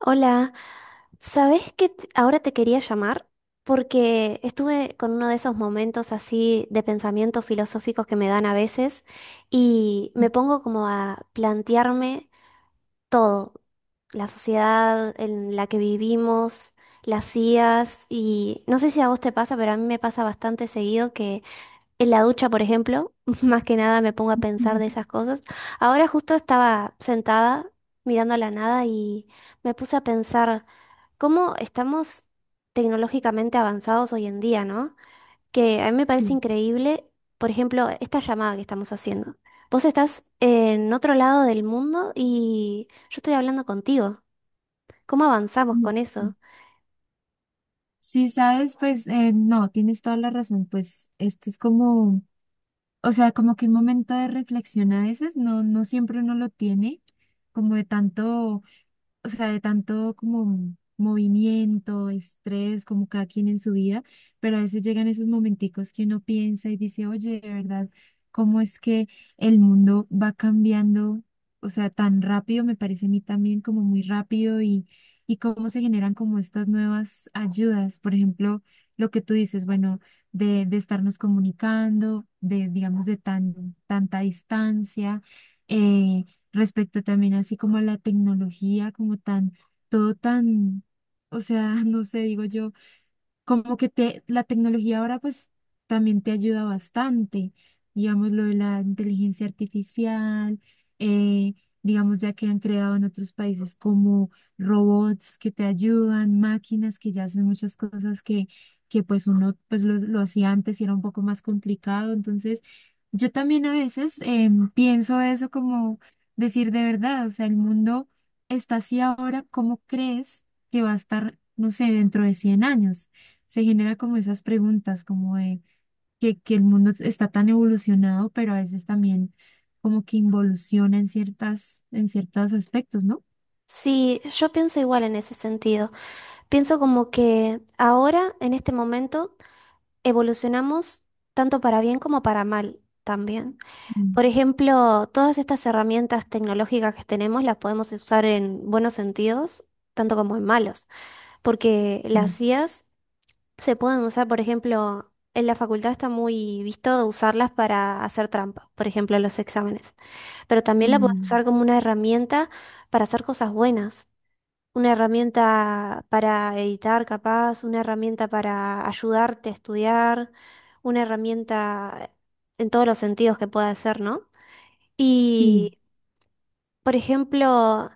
Hola, ¿sabés que ahora te quería llamar? Porque estuve con uno de esos momentos así de pensamientos filosóficos que me dan a veces y me pongo como a plantearme todo, la sociedad en la que vivimos, las IAs y no sé si a vos te pasa, pero a mí me pasa bastante seguido en la ducha, por ejemplo, más que nada me pongo a pensar de Ujú. esas cosas. Ahora justo estaba sentada mirando a la nada y me puse a pensar cómo estamos tecnológicamente avanzados hoy en día, ¿no? Que a mí me parece Sí, increíble, por ejemplo, esta llamada que estamos haciendo. Vos estás en otro lado del mundo y yo estoy hablando contigo. ¿Cómo avanzamos sí, con eso? sí. Sabes, no, tienes toda la razón, pues esto es como, o sea, como que un momento de reflexión a veces. No siempre uno lo tiene, como de tanto, de tanto como movimiento, estrés, como cada quien en su vida. Pero a veces llegan esos momenticos que uno piensa y dice, oye, de verdad, ¿cómo es que el mundo va cambiando? O sea, tan rápido, me parece a mí también como muy rápido. Y cómo se generan como estas nuevas ayudas. Por ejemplo, lo que tú dices, bueno, de estarnos comunicando, de, digamos, de tanta distancia. eh, Respecto también así como a la tecnología, como tan, todo tan, o sea, no sé, digo yo, como que te, la tecnología ahora pues también te ayuda bastante. Digamos lo de la inteligencia artificial. eh, digamos, ya que han creado en otros países como robots que te ayudan, máquinas que ya hacen muchas cosas que pues uno pues lo hacía antes y era un poco más complicado. Entonces yo también a veces pienso eso como decir, de verdad, o sea, el mundo está así ahora. ¿Cómo crees que va a estar, no sé, dentro de 100 años? Se genera como esas preguntas, como de que el mundo está tan evolucionado, pero a veces también como que involuciona en ciertas, en ciertos aspectos, ¿no? Sí, yo pienso igual en ese sentido. Pienso como que ahora, en este momento, evolucionamos tanto para bien como para mal también. Mm. Por ejemplo, todas estas herramientas tecnológicas que tenemos las podemos usar en buenos sentidos, tanto como en malos, porque Claro. las IAs se pueden usar, por ejemplo, en la facultad está muy visto de usarlas para hacer trampa, por ejemplo, en los exámenes, pero también la puedes Mm. usar como una herramienta para hacer cosas buenas. Una herramienta para editar, capaz, una herramienta para ayudarte a estudiar, una herramienta en todos los sentidos que pueda ser, ¿no? Sí. Y, por ejemplo,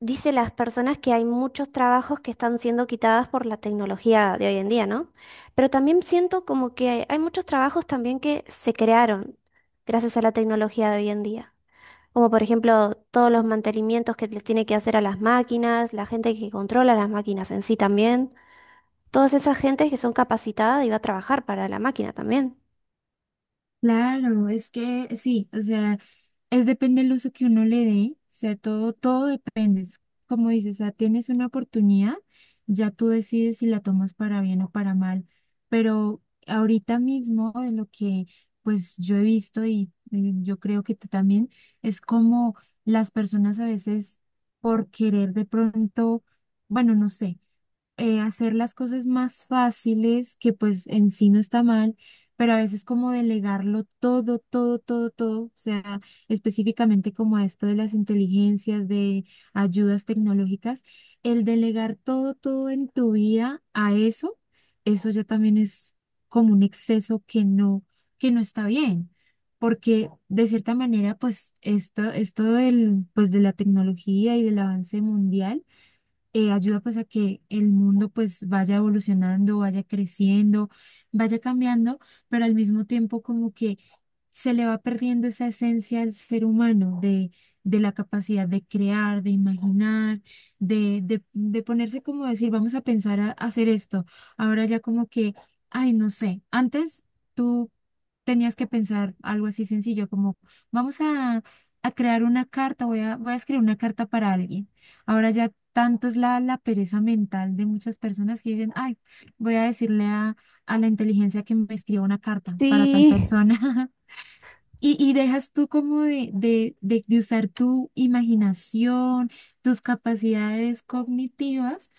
dice las personas que hay muchos trabajos que están siendo quitadas por la tecnología de hoy en día, ¿no? Pero también siento como que hay muchos trabajos también que se crearon gracias a la tecnología de hoy en día. Como por ejemplo todos los mantenimientos que les tiene que hacer a las máquinas, la gente que controla las máquinas en sí también, todas esas gentes que son capacitadas y va a trabajar para la máquina también. Claro, es que sí, o sea, es depende del uso que uno le dé. O sea, todo depende. Es como dices, o sea, tienes una oportunidad, ya tú decides si la tomas para bien o para mal. Pero ahorita mismo, de lo que pues yo he visto y yo creo que tú también, es como las personas a veces por querer de pronto, bueno, no sé, hacer las cosas más fáciles, que pues en sí no está mal, pero a veces como delegarlo todo, todo, todo, todo, o sea, específicamente como a esto de las inteligencias, de ayudas tecnológicas, el delegar todo en tu vida a eso, eso ya también es como un exceso que que no está bien. Porque de cierta manera, pues esto pues de la tecnología y del avance mundial ayuda pues a que el mundo pues vaya evolucionando, vaya creciendo, vaya cambiando, pero al mismo tiempo como que se le va perdiendo esa esencia al ser humano, de la capacidad de crear, de imaginar, de ponerse como decir, vamos a pensar a hacer esto. Ahora ya como que, ay, no sé, antes tú tenías que pensar algo así sencillo como, vamos a crear una carta. Voy a escribir una carta para alguien. Ahora ya tanto es la pereza mental de muchas personas que dicen, ay, voy a decirle a la inteligencia que me escriba una carta para tal Sí, persona. Y dejas tú como de usar tu imaginación, tus capacidades cognitivas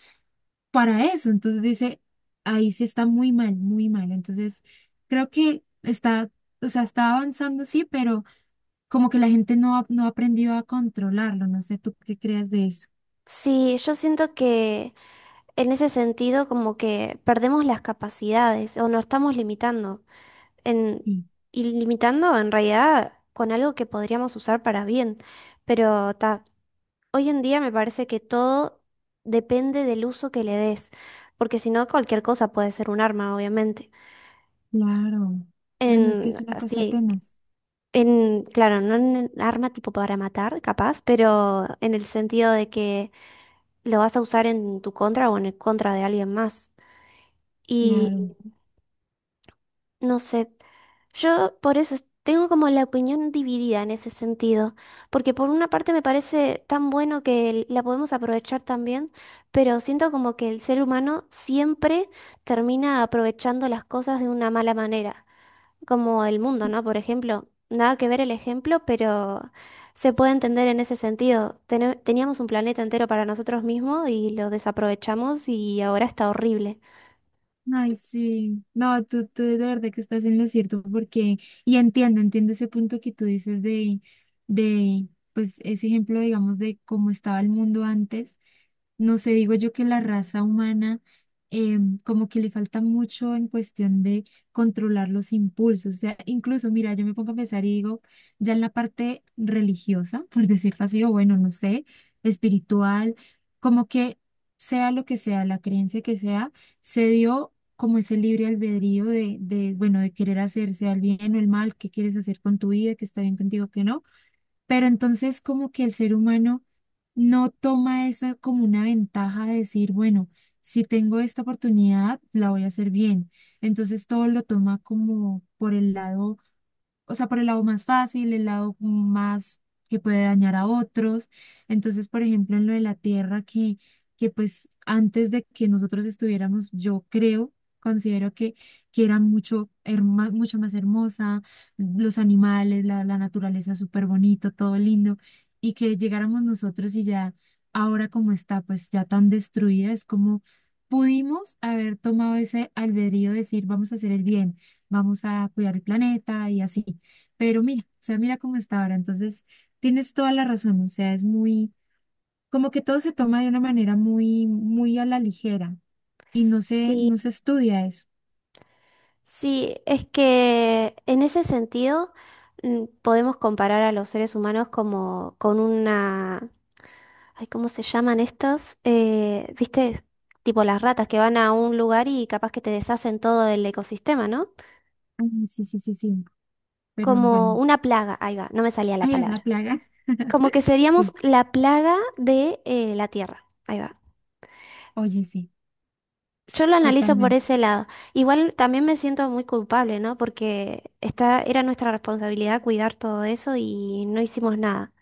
para eso. Entonces dice, ahí sí está muy mal, muy mal. Entonces creo que está, o sea, está avanzando, sí, pero como que la gente no ha aprendido a controlarlo. No sé, ¿tú qué creas de eso? sí, yo siento que en ese sentido como que perdemos las capacidades o nos estamos limitando en, Sí. y limitando en realidad con algo que podríamos usar para bien, pero ta. Hoy en día me parece que todo depende del uso que le des, porque si no, cualquier cosa puede ser un arma, obviamente. Claro. No, no es que En, es una cosa así, tenaz. en, claro, no en arma tipo para matar, capaz, pero en el sentido de que lo vas a usar en tu contra o en el contra de alguien más. Claro. No sé, yo por eso tengo como la opinión dividida en ese sentido, porque por una parte me parece tan bueno que la podemos aprovechar también, pero siento como que el ser humano siempre termina aprovechando las cosas de una mala manera, como el mundo, ¿no? Por ejemplo, nada que ver el ejemplo, pero se puede entender en ese sentido. Teníamos un planeta entero para nosotros mismos y lo desaprovechamos y ahora está horrible. Ay, sí. No, tú de verdad que estás en lo cierto porque, y entiendo ese punto que tú dices pues ese ejemplo, digamos, de cómo estaba el mundo antes. No sé, digo yo que la raza humana eh, como que le falta mucho en cuestión de controlar los impulsos. O sea, incluso, mira, yo me pongo a pensar y digo, ya en la parte religiosa, por decirlo así, o bueno, no sé, espiritual, como que sea lo que sea, la creencia que sea, se dio como ese libre albedrío bueno, de querer hacerse al bien o el mal, qué quieres hacer con tu vida, qué está bien contigo, qué no. Pero entonces como que el ser humano no toma eso como una ventaja de decir, bueno, si tengo esta oportunidad, la voy a hacer bien. Entonces todo lo toma como por el lado, o sea, por el lado más fácil, el lado más que puede dañar a otros. Entonces, por ejemplo, en lo de la tierra, que pues antes de que nosotros estuviéramos, yo creo, considero que era mucho, mucho más hermosa, los animales, la naturaleza súper bonito, todo lindo, y que llegáramos nosotros y ya ahora como está, pues ya tan destruida, es como... Pudimos haber tomado ese albedrío de decir, vamos a hacer el bien, vamos a cuidar el planeta y así. Pero mira, o sea, mira cómo está ahora. Entonces, tienes toda la razón. O sea, es muy, como que todo se toma de una manera muy, muy a la ligera y no Sí. no se estudia eso. Sí, es que en ese sentido podemos comparar a los seres humanos como con una... Ay, ¿cómo se llaman estos? ¿Viste? Tipo las ratas que van a un lugar y capaz que te deshacen todo el ecosistema, ¿no? Ay, no, sí, sí, sí, sí. Pero Como bueno, una plaga, ahí va, no me salía la ahí es palabra. la plaga. Como que seríamos Sí, la plaga de la Tierra, ahí va. oye, sí, Yo lo analizo por totalmente. ese lado. Igual también me siento muy culpable, ¿no? Porque esta era nuestra responsabilidad cuidar todo eso y no hicimos nada.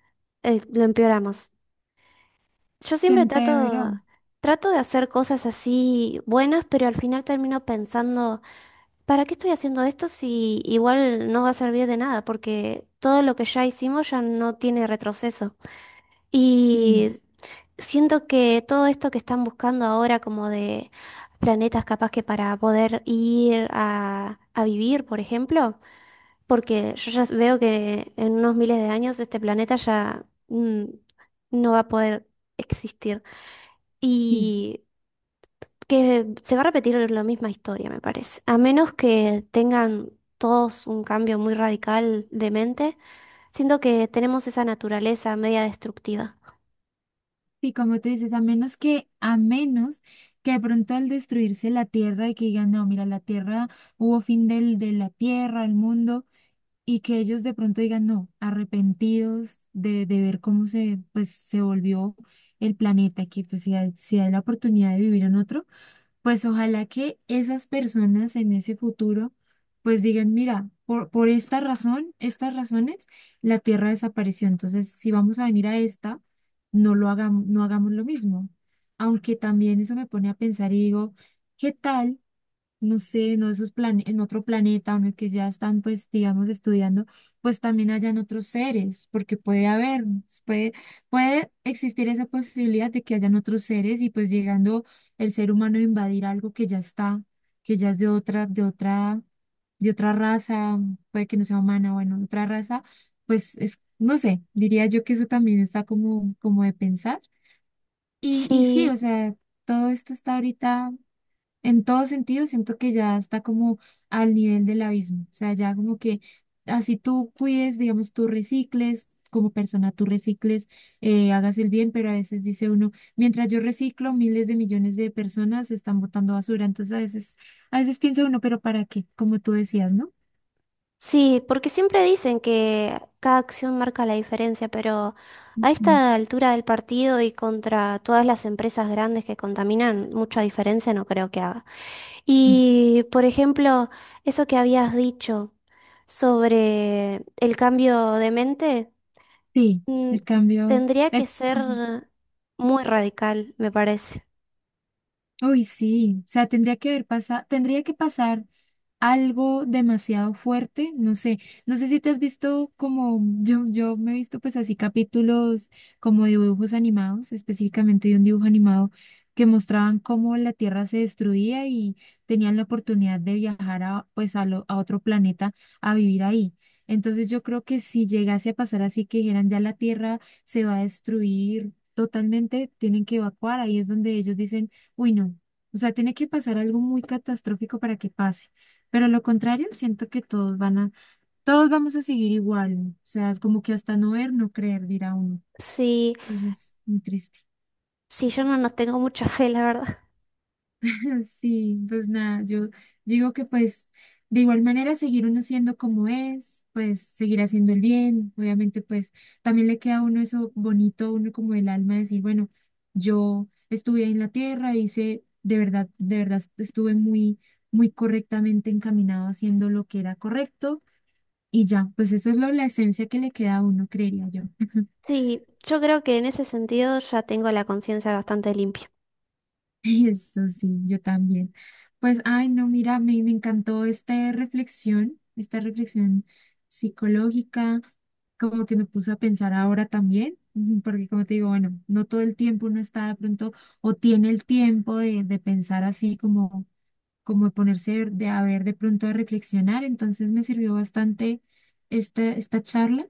Lo empeoramos. Yo Se siempre empeoró. trato de hacer cosas así buenas, pero al final termino pensando, ¿para qué estoy haciendo esto si igual no va a servir de nada? Porque todo lo que ya hicimos ya no tiene retroceso. Sí, Y siento que todo esto que están buscando ahora, como de planetas capaz que para poder ir a vivir, por ejemplo, porque yo ya veo que en unos miles de años este planeta ya no va a poder existir. sí, Y que se va a repetir la misma historia, me parece. A menos que tengan todos un cambio muy radical de mente, siento que tenemos esa naturaleza media destructiva. sí, como tú dices, a menos a menos que de pronto al destruirse la tierra y que digan, no, mira, la tierra, hubo fin de la tierra, el mundo. Y que ellos de pronto digan, no, arrepentidos de ver cómo se, pues, se volvió el planeta, que pues si hay, si hay la oportunidad de vivir en otro, pues ojalá que esas personas en ese futuro pues digan, mira, por esta razón, estas razones, la Tierra desapareció. Entonces si vamos a venir a esta, no lo hagamos, no hagamos lo mismo. Aunque también eso me pone a pensar y digo, ¿qué tal? No sé, no en otro planeta, o en el que ya están, pues, digamos, estudiando, pues también hayan otros seres, porque puede haber, puede, puede existir esa posibilidad de que hayan otros seres y pues llegando el ser humano a invadir algo que ya está, que ya es de otra raza, puede que no sea humana, bueno, otra raza, pues es, no sé, diría yo que eso también está como, como de pensar. Y sí, o Sí. sea, todo esto está ahorita. En todo sentido, siento que ya está como al nivel del abismo. O sea, ya como que así tú cuides, digamos, tú recicles, como persona tú recicles, hagas el bien, pero a veces dice uno, mientras yo reciclo, miles de millones de personas están botando basura. Entonces a veces piensa uno, pero ¿para qué? Como tú decías, ¿no? Sí, porque siempre dicen que cada acción marca la diferencia, pero a Ujú. esta altura del partido y contra todas las empresas grandes que contaminan, mucha diferencia no creo que haga. Y, por ejemplo, eso que habías dicho sobre el cambio de mente, Sí, mm, el cambio, tendría que ser ajá. muy radical, me parece. Uy, sí, o sea, tendría que haber pasado, tendría que pasar algo demasiado fuerte, no sé, no sé si te has visto como, yo me he visto pues así capítulos como dibujos animados, específicamente de un dibujo animado que mostraban cómo la Tierra se destruía y tenían la oportunidad de viajar a, pues a, a otro planeta a vivir ahí. Entonces yo creo que si llegase a pasar así que dijeran ya la Tierra se va a destruir totalmente, tienen que evacuar, ahí es donde ellos dicen, uy, no. O sea, tiene que pasar algo muy catastrófico para que pase. Pero lo contrario, siento que todos van a, todos vamos a seguir igual. O sea, como que hasta no ver, no creer, dirá uno. Sí, Entonces, muy triste. sí, yo no nos tengo mucha fe, la verdad. Sí, pues nada, yo digo que pues de igual manera seguir uno siendo como es, pues seguir haciendo el bien, obviamente pues también le queda a uno eso bonito, uno como el alma decir, bueno, yo estuve ahí en la tierra, hice de verdad estuve muy, muy correctamente encaminado haciendo lo que era correcto y ya, pues eso es la esencia que le queda a uno, creería yo. Sí, yo creo que en ese sentido ya tengo la conciencia bastante limpia. Eso sí, yo también. Pues, ay, no, mira, me encantó esta reflexión psicológica, como que me puso a pensar ahora también, ujú, porque como te digo, bueno, no todo el tiempo uno está de pronto o tiene el tiempo de pensar así como, como de ponerse de a ver de pronto a reflexionar, entonces me sirvió bastante esta charla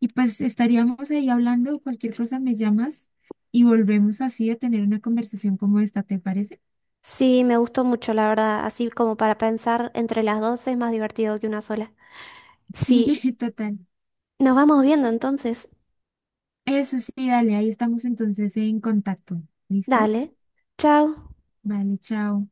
y pues estaríamos ahí hablando, cualquier cosa me llamas y volvemos así a tener una conversación como esta, ¿te parece? Sí, me gustó mucho, la verdad. Así como para pensar entre las dos es más divertido que una sola. Sí, Sí, total. nos vamos viendo entonces. Eso sí, dale, ahí estamos entonces en contacto. ¿Listo? Dale. Chao. Vale, chao.